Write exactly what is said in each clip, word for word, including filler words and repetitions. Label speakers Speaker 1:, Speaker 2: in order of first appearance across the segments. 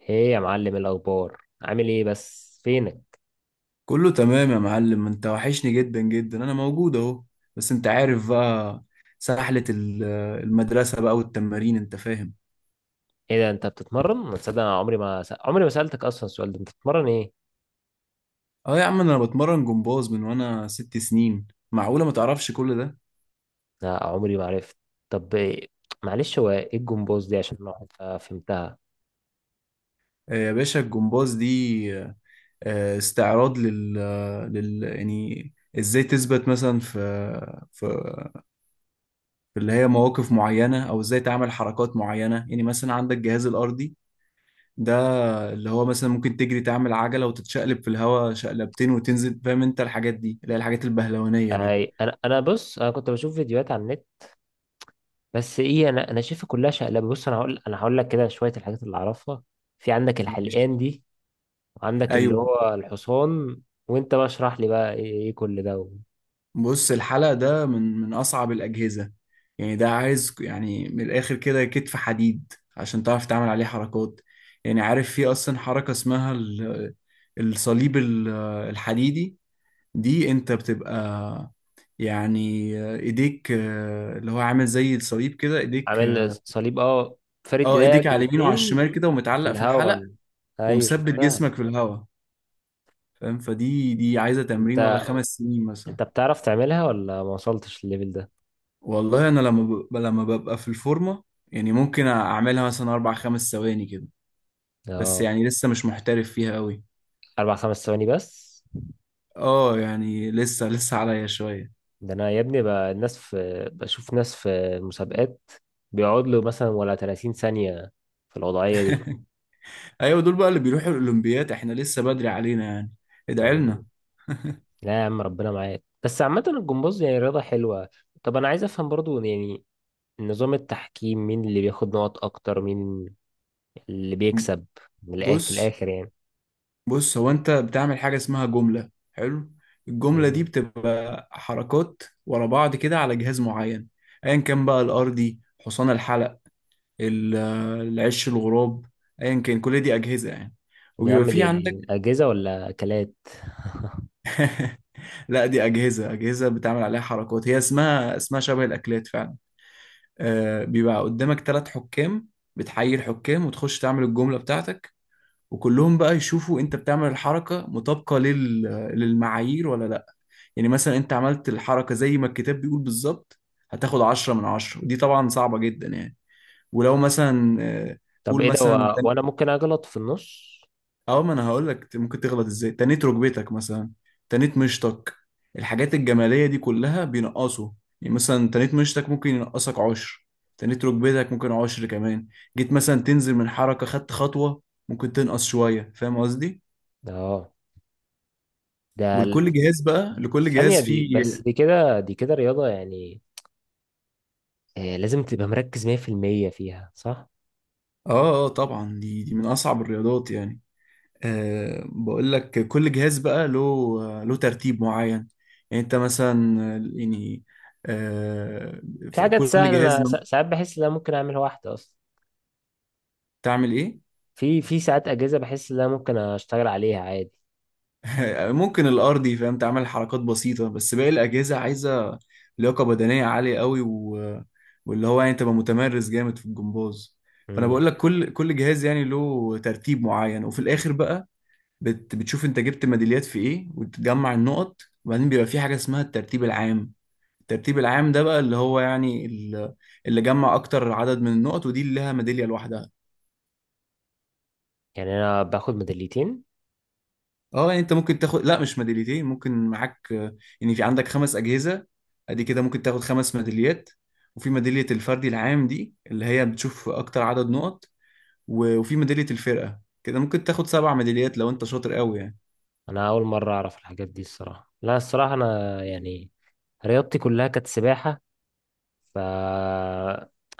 Speaker 1: ايه يا معلم، الاخبار؟ عامل ايه؟ بس فينك؟
Speaker 2: كله تمام يا معلم، انت وحشني جدا جدا. انا موجود اهو. بس انت عارف بقى، سحلة ال- المدرسة بقى والتمارين، انت فاهم.
Speaker 1: ايه ده؟ انت بتتمرن؟ ما تصدق، انا عمري ما س... عمري ما سالتك اصلا السؤال ده. انت بتتمرن ايه؟
Speaker 2: اه يا عم، انا بتمرن جمباز من وانا ست سنين. معقولة ما تعرفش كل ده؟
Speaker 1: لا، عمري ما عرفت. طب إيه؟ معلش، هو ايه الجمبوز دي، عشان الواحد ما فهمتها؟
Speaker 2: آه يا باشا، الجمباز دي آه استعراض لل, لل... يعني ازاي تثبت مثلا في في في اللي هي مواقف معينة، او ازاي تعمل حركات معينة. يعني مثلا عندك الجهاز الارضي ده، اللي هو مثلا ممكن تجري تعمل عجلة وتتشقلب في الهواء شقلبتين وتنزل. فاهم انت الحاجات دي، اللي هي الحاجات البهلوانية دي.
Speaker 1: أي... انا، انا بص، انا كنت بشوف فيديوهات على النت. بس ايه، انا انا شايفها كلها شقلبه. بص، انا هقول انا هقول لك كده شويه الحاجات اللي اعرفها. في عندك
Speaker 2: مش.
Speaker 1: الحلقان دي، وعندك اللي
Speaker 2: ايوه.
Speaker 1: هو الحصان. وانت بقى اشرح لي بقى، ايه إيه كل ده؟
Speaker 2: بص، الحلق ده من من اصعب الاجهزة. يعني ده عايز يعني من الاخر كده كتف حديد عشان تعرف تعمل عليه حركات. يعني عارف، في اصلا حركة اسمها ال- الصليب ال- الحديدي. دي انت بتبقى يعني ايديك آه، اللي هو عامل زي الصليب كده ايديك.
Speaker 1: عامل صليب، اه. فارد
Speaker 2: اه، ايديك
Speaker 1: ايديك
Speaker 2: على اليمين وعلى
Speaker 1: الاتنين.
Speaker 2: الشمال كده
Speaker 1: في
Speaker 2: ومتعلق في الحلق.
Speaker 1: الهوا. ايوه،
Speaker 2: ومثبت
Speaker 1: شفتها.
Speaker 2: جسمك في الهواء. فاهم؟ فدي دي عايزة تمرين ولا
Speaker 1: انت
Speaker 2: خمس سنين مثلا.
Speaker 1: انت بتعرف تعملها ولا ما وصلتش الليفل ده؟
Speaker 2: والله انا لما ببقى لما ببقى في الفورمة، يعني ممكن اعملها مثلا اربع خمس ثواني كده. بس
Speaker 1: اه،
Speaker 2: يعني لسه مش محترف فيها قوي.
Speaker 1: اربع خمس ثواني بس؟
Speaker 2: اه، يعني لسه لسه عليا شوية.
Speaker 1: ده انا يا ابني، بقى الناس، في، بشوف ناس في مسابقات بيقعد له مثلا ولا ثلاثين ثانية في الوضعية دي.
Speaker 2: ايوه، دول بقى اللي بيروحوا الاولمبياد، احنا لسه بدري علينا يعني. ادعي
Speaker 1: مم.
Speaker 2: لنا.
Speaker 1: لا يا عم، ربنا معاك. بس عامة الجمباز يعني رياضة حلوة. طب انا عايز افهم برضو يعني نظام التحكيم. مين اللي بياخد نقط اكتر؟ مين اللي بيكسب؟ من الآخر في
Speaker 2: بص
Speaker 1: الاخر يعني.
Speaker 2: بص هو انت بتعمل حاجة اسمها جملة حلو. الجملة دي
Speaker 1: مم.
Speaker 2: بتبقى حركات ورا بعض كده على جهاز معين. ايا كان بقى، الارضي، حصان الحلق، ال- العش، الغراب، ايا كان، كل دي اجهزه يعني.
Speaker 1: يا
Speaker 2: وبيبقى
Speaker 1: عم،
Speaker 2: في
Speaker 1: دي
Speaker 2: عندك.
Speaker 1: أجهزة ولا أكلات؟
Speaker 2: لا، دي اجهزه اجهزه بتعمل عليها حركات، هي اسمها اسمها شبه الاكلات فعلا. آه، بيبقى قدامك ثلاث حكام. بتحيي الحكام وتخش تعمل الجمله بتاعتك، وكلهم بقى يشوفوا انت بتعمل الحركه مطابقه لل... للمعايير ولا لا. يعني مثلا انت عملت الحركه زي ما الكتاب بيقول بالظبط، هتاخد عشرة من عشرة. ودي طبعا صعبة جدا يعني. ولو مثلا آه،
Speaker 1: طب
Speaker 2: قول
Speaker 1: إيه ده
Speaker 2: مثلا،
Speaker 1: و... وأنا ممكن أغلط في النص؟
Speaker 2: اه ما انا هقول لك ممكن تغلط ازاي. تنيت ركبتك مثلا، تنيت مشطك، الحاجات الجماليه دي كلها بينقصوا. يعني مثلا تنيت مشطك ممكن ينقصك عشر، تنيت ركبتك ممكن عشر كمان. جيت مثلا تنزل من حركه خدت خطوه، ممكن تنقص شويه. فاهم قصدي؟
Speaker 1: أه، ده ال-
Speaker 2: ولكل جهاز بقى
Speaker 1: دي دي
Speaker 2: لكل
Speaker 1: ثانية.
Speaker 2: جهاز
Speaker 1: دي
Speaker 2: فيه.
Speaker 1: بس، دي كده، دي كده رياضة يعني. آه، لازم تبقى مركز مية في المية فيها، صح؟
Speaker 2: اه اه طبعا، دي دي من اصعب الرياضات يعني. أه بقول لك، كل جهاز بقى له له ترتيب معين. يعني انت مثلا، يعني أه
Speaker 1: في
Speaker 2: في
Speaker 1: حاجات
Speaker 2: كل
Speaker 1: سهلة،
Speaker 2: جهاز
Speaker 1: أنا سا- ساعات بحس إن أنا ممكن أعملها واحدة أصلا.
Speaker 2: تعمل ايه؟
Speaker 1: في في ساعات أجهزة بحس إن أنا ممكن أشتغل عليها عادي.
Speaker 2: ممكن الارضي، فاهم، تعمل حركات بسيطة. بس باقي الاجهزة عايزة لياقة بدنية عالية قوي و... واللي هو يعني تبقى متمرس جامد في الجمباز. فانا
Speaker 1: مم.
Speaker 2: بقول لك كل كل جهاز يعني له ترتيب معين، وفي الاخر بقى بت... بتشوف انت جبت ميداليات في ايه، وتجمع النقط. وبعدين بيبقى في حاجة اسمها الترتيب العام. الترتيب العام ده بقى اللي هو يعني ال- اللي جمع اكتر عدد من النقط، ودي اللي لها ميداليه لوحدها.
Speaker 1: يعني أنا باخد ميداليتين؟
Speaker 2: اه يعني انت ممكن تاخد، لا مش ميداليتين، ممكن معاك آه، يعني في عندك خمس اجهزه، ادي كده ممكن تاخد خمس ميداليات. وفي ميداليه الفردي العام دي، اللي هي بتشوف اكتر عدد نقط. و- وفي ميداليه الفرقه كده ممكن تاخد سبع ميداليات لو انت شاطر قوي يعني.
Speaker 1: أنا أول مرة أعرف الحاجات دي الصراحة. لا، الصراحة أنا يعني رياضتي كلها كانت سباحة. ف،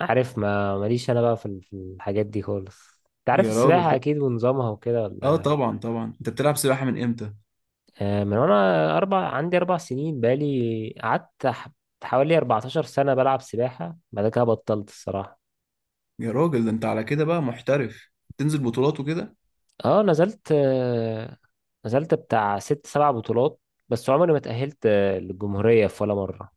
Speaker 1: عارف، ما ماليش انا بقى في ال- في الحاجات دي خالص. انت عارف
Speaker 2: يا
Speaker 1: السباحة
Speaker 2: راجل،
Speaker 1: اكيد ونظامها وكده،
Speaker 2: اه
Speaker 1: ولا؟
Speaker 2: طبعا طبعا، انت بتلعب سباحه من امتى؟
Speaker 1: آه، من وانا اربع عندي اربع سنين، بقالي قعدت ح- حوالي اربعة عشر سنة بلعب سباحة. بعد كده بطلت الصراحة.
Speaker 2: يا راجل، ده انت على كده بقى محترف، تنزل بطولات وكده.
Speaker 1: اه، نزلت آه، نزلت بتاع ست سبع بطولات. بس عمري ما اتأهلت آه، للجمهورية في ولا مرة.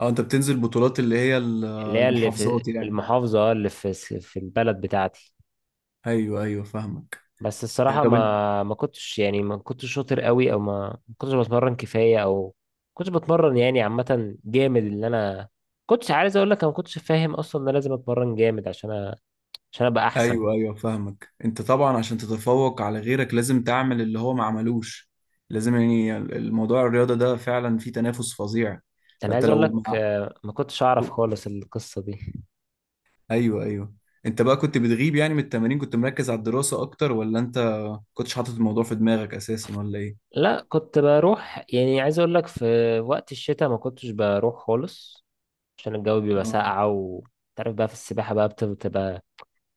Speaker 2: اه انت بتنزل بطولات اللي هي ال-
Speaker 1: اللي هي اللي في
Speaker 2: المحافظات يعني.
Speaker 1: المحافظة، اللي في في البلد بتاعتي.
Speaker 2: ايوه ايوه فاهمك.
Speaker 1: بس
Speaker 2: آه،
Speaker 1: الصراحة
Speaker 2: طب انت.
Speaker 1: ما ما كنتش يعني، ما كنتش شاطر قوي، او ما ما كنتش بتمرن كفاية، او ما كنتش بتمرن يعني، عامة جامد اللي انا كنتش عايز اقول لك. انا ما كنتش فاهم اصلا ان انا لازم اتمرن جامد عشان أ... عشان ابقى احسن.
Speaker 2: ايوه ايوه فاهمك، انت طبعا عشان تتفوق على غيرك لازم تعمل اللي هو ما عملوش. لازم يعني، الموضوع الرياضة ده فعلا فيه تنافس فظيع.
Speaker 1: انا
Speaker 2: فانت
Speaker 1: عايز اقول
Speaker 2: لو
Speaker 1: لك،
Speaker 2: مع...
Speaker 1: آه، ما كنتش اعرف خالص القصة دي.
Speaker 2: ايوه ايوه. انت بقى كنت بتغيب يعني من التمارين؟ كنت مركز على الدراسة اكتر، ولا انت كنتش حاطط الموضوع في دماغك اساسا، ولا ايه؟
Speaker 1: لا، كنت بروح يعني، عايز اقول لك، في وقت الشتاء ما كنتش بروح خالص، عشان الجو بيبقى
Speaker 2: اه
Speaker 1: ساقعة، وتعرف بقى في السباحة بقى بتبقى،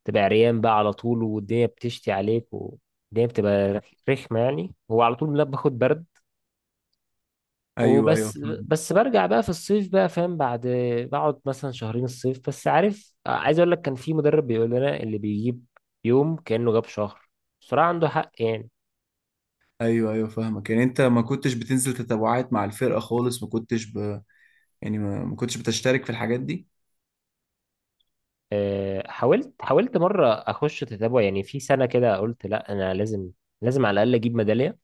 Speaker 1: تبقى عريان بقى على طول، والدنيا بتشتي عليك، والدنيا بتبقى رخمة يعني. هو على طول لا، باخد برد
Speaker 2: ايوه ايوه
Speaker 1: وبس.
Speaker 2: فاهم.
Speaker 1: بس برجع بقى في الصيف بقى، فاهم. بعد بقعد مثلا شهرين الصيف بس. عارف، عايز اقول لك، كان في مدرب بيقول لنا: اللي بيجيب يوم كأنه جاب شهر. بصراحة عنده حق يعني.
Speaker 2: ايوه ايوه فاهمك، يعني انت ما كنتش بتنزل تتابعات مع الفرقة خالص؟ ما كنتش ب... يعني ما ما كنتش بتشترك في الحاجات دي.
Speaker 1: آه، حاولت حاولت مرة اخش تتابع، يعني في سنة كده قلت لا، انا لازم، لازم على الاقل اجيب ميدالية.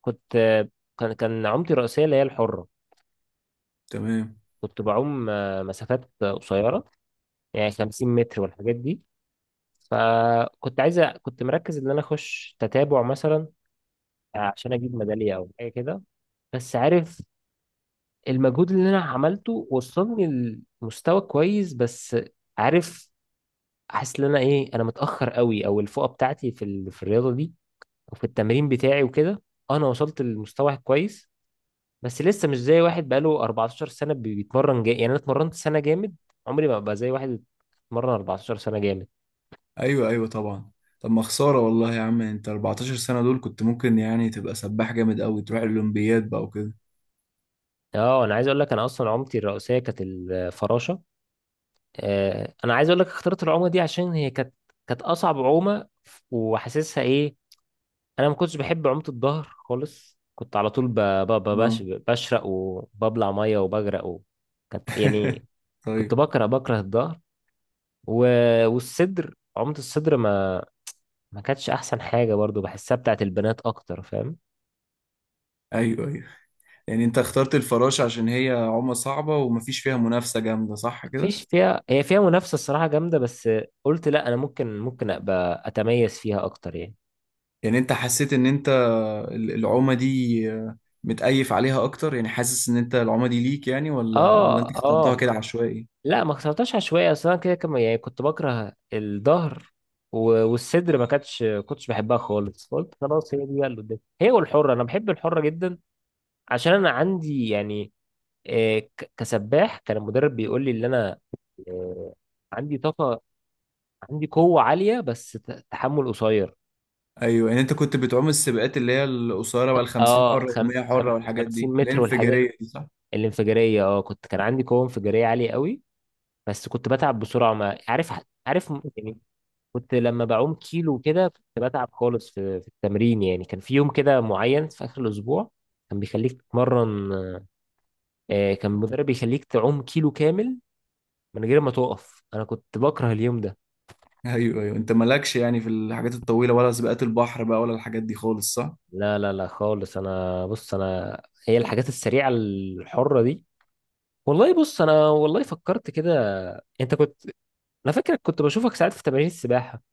Speaker 1: كنت آه، كان كان عومتي الرئيسية اللي هي الحرة.
Speaker 2: تمام.
Speaker 1: كنت بعوم آه، مسافات قصيرة، يعني خمسين متر والحاجات دي. فكنت عايز أ- كنت مركز ان انا اخش تتابع مثلا، عشان اجيب ميداليه او حاجه كده. بس عارف، المجهود اللي انا عملته وصلني لمستوى كويس. بس عارف، حاسس ان انا ايه، انا متاخر قوي، او الفوقه بتاعتي في ال... في الرياضه دي وفي التمرين بتاعي وكده. انا وصلت للمستوى كويس، بس لسه مش زي واحد بقاله اربعة عشر سنه بي- بيتمرن جا... يعني انا اتمرنت سنه جامد، عمري ما ابقى زي واحد اتمرن اربعة عشر سنه جامد.
Speaker 2: ايوه ايوه طبعا. طب ما خساره والله يا عم، انت اربع عشرة سنة سنه دول كنت ممكن يعني تبقى سباح جامد قوي، تروح الاولمبياد بقى وكده.
Speaker 1: اه، انا عايز اقول لك، انا اصلا عملتي الرئيسيه كانت الفراشه. آه، انا عايز اقول لك، اخترت العومه دي عشان هي كانت كانت اصعب عومه، وحاسسها ايه. انا ما كنتش بحب عومه الظهر خالص، كنت على طول ب... ب... ب... بش...
Speaker 2: اه.
Speaker 1: بشرق وببلع ميه وبغرق و... كانت يعني. كنت
Speaker 2: طيب.
Speaker 1: بكره، بكره الظهر و... والصدر عومه الصدر ما ما كانتش احسن حاجه برضو، بحسها بتاعت البنات اكتر، فاهم.
Speaker 2: ايوه ايوه، يعني انت اخترت الفراشه عشان هي عومه صعبه ومفيش فيها منافسه جامده، صح كده؟
Speaker 1: مفيش فيها، هي فيها منافسه الصراحه جامده. بس قلت لا، انا ممكن ممكن ابقى اتميز فيها اكتر يعني.
Speaker 2: يعني انت حسيت ان انت ال- العومه دي متأيف عليها اكتر؟ يعني حاسس ان انت العومه دي ليك يعني، ولا ولا انت
Speaker 1: اه
Speaker 2: اخترتها
Speaker 1: اه.
Speaker 2: كده عشوائي؟
Speaker 1: لا، ما اخترتهاش عشوائي. اصل انا كده كم، يعني كنت بكره الظهر، و- والصدر ما كانتش كنتش بحبها خالص. فقلت خلاص، هي دي بقى اللي قدامي، هي والحره. انا بحب الحره جدا، عشان انا عندي يعني، آه، ك- كسباح، كان المدرب بيقول لي ان انا، آه، عندي طاقه، عندي قوه عاليه، بس ت- تحمل قصير.
Speaker 2: ايوه، يعني انت كنت بتعوم السباقات اللي هي القصيره بقى، ال خمسين
Speaker 1: اه،
Speaker 2: حره وال مية
Speaker 1: خمس خم-
Speaker 2: حره والحاجات
Speaker 1: خمسين
Speaker 2: دي
Speaker 1: متر والحاجات
Speaker 2: الانفجاريه دي، صح؟
Speaker 1: الانفجاريه. اه، كنت كان عندي قوه انفجاريه عاليه قوي، بس كنت بتعب بسرعه. ما عارف، عارف، يعني كنت لما بعوم كيلو كده كنت بتعب خالص في في التمرين. يعني كان في يوم كده معين في آخر الأسبوع كان بيخليك تتمرن، آه، كان المدرب بيخليك تعوم كيلو كامل من غير ما تقف. أنا كنت بكره اليوم ده.
Speaker 2: ايوه ايوه، انت مالكش يعني في الحاجات الطويله ولا سباقات البحر بقى ولا الحاجات دي خالص، صح؟
Speaker 1: لا لا لا خالص، أنا بص. أنا هي الحاجات السريعة الحرة دي، والله. بص، أنا والله فكرت كده. أنت كنت، أنا فاكرك كنت بشوفك ساعات في تمارين السباحة.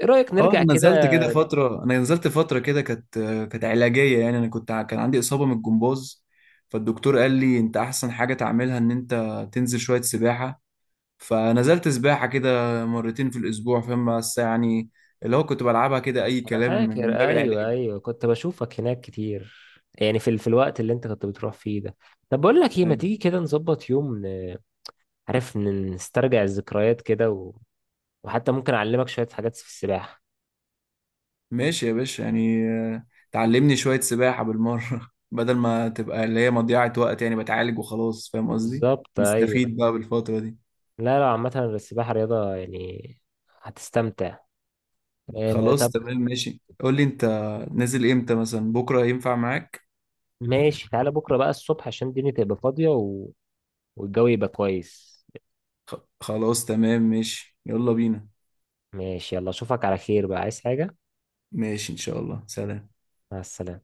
Speaker 1: إيه رأيك
Speaker 2: اه،
Speaker 1: نرجع
Speaker 2: انا
Speaker 1: كده؟
Speaker 2: نزلت كده فتره انا نزلت فتره كده، كانت كانت علاجيه يعني. انا كنت ع- كان عندي اصابه من الجمباز. فالدكتور قال لي انت احسن حاجه تعملها ان انت تنزل شويه سباحه. فنزلت سباحه كده مرتين في الاسبوع، فاهم. بس يعني اللي هو كنت بلعبها كده اي
Speaker 1: انا
Speaker 2: كلام من
Speaker 1: فاكر،
Speaker 2: باب
Speaker 1: ايوه
Speaker 2: العلاج.
Speaker 1: ايوه، كنت بشوفك هناك كتير، يعني في ال- في الوقت اللي انت كنت بتروح فيه ده. طب بقول لك ايه، ما تيجي كده نظبط يوم، ن- عارف، ن- نسترجع الذكريات كده و... وحتى ممكن اعلمك شوية حاجات في السباحة.
Speaker 2: ماشي يا باشا، يعني آه، تعلمني شوية سباحة بالمرة بدل ما تبقى اللي هي مضيعة وقت، يعني بتعالج وخلاص، فاهم قصدي.
Speaker 1: بالظبط، ايوه.
Speaker 2: نستفيد بقى بالفترة دي.
Speaker 1: لا لا، عامة السباحة رياضة يعني هتستمتع. آه
Speaker 2: خلاص
Speaker 1: طب،
Speaker 2: تمام ماشي، قول لي انت نازل امتى مثلا، بكرة ينفع معاك؟
Speaker 1: ماشي، تعالى بكرة بقى الصبح، عشان الدنيا تبقى فاضية و... والجو يبقى كويس.
Speaker 2: خ- خلاص تمام ماشي، يلا بينا.
Speaker 1: ماشي، يلا، اشوفك على خير بقى. عايز حاجة؟
Speaker 2: ماشي ان شاء الله، سلام.
Speaker 1: مع السلامة.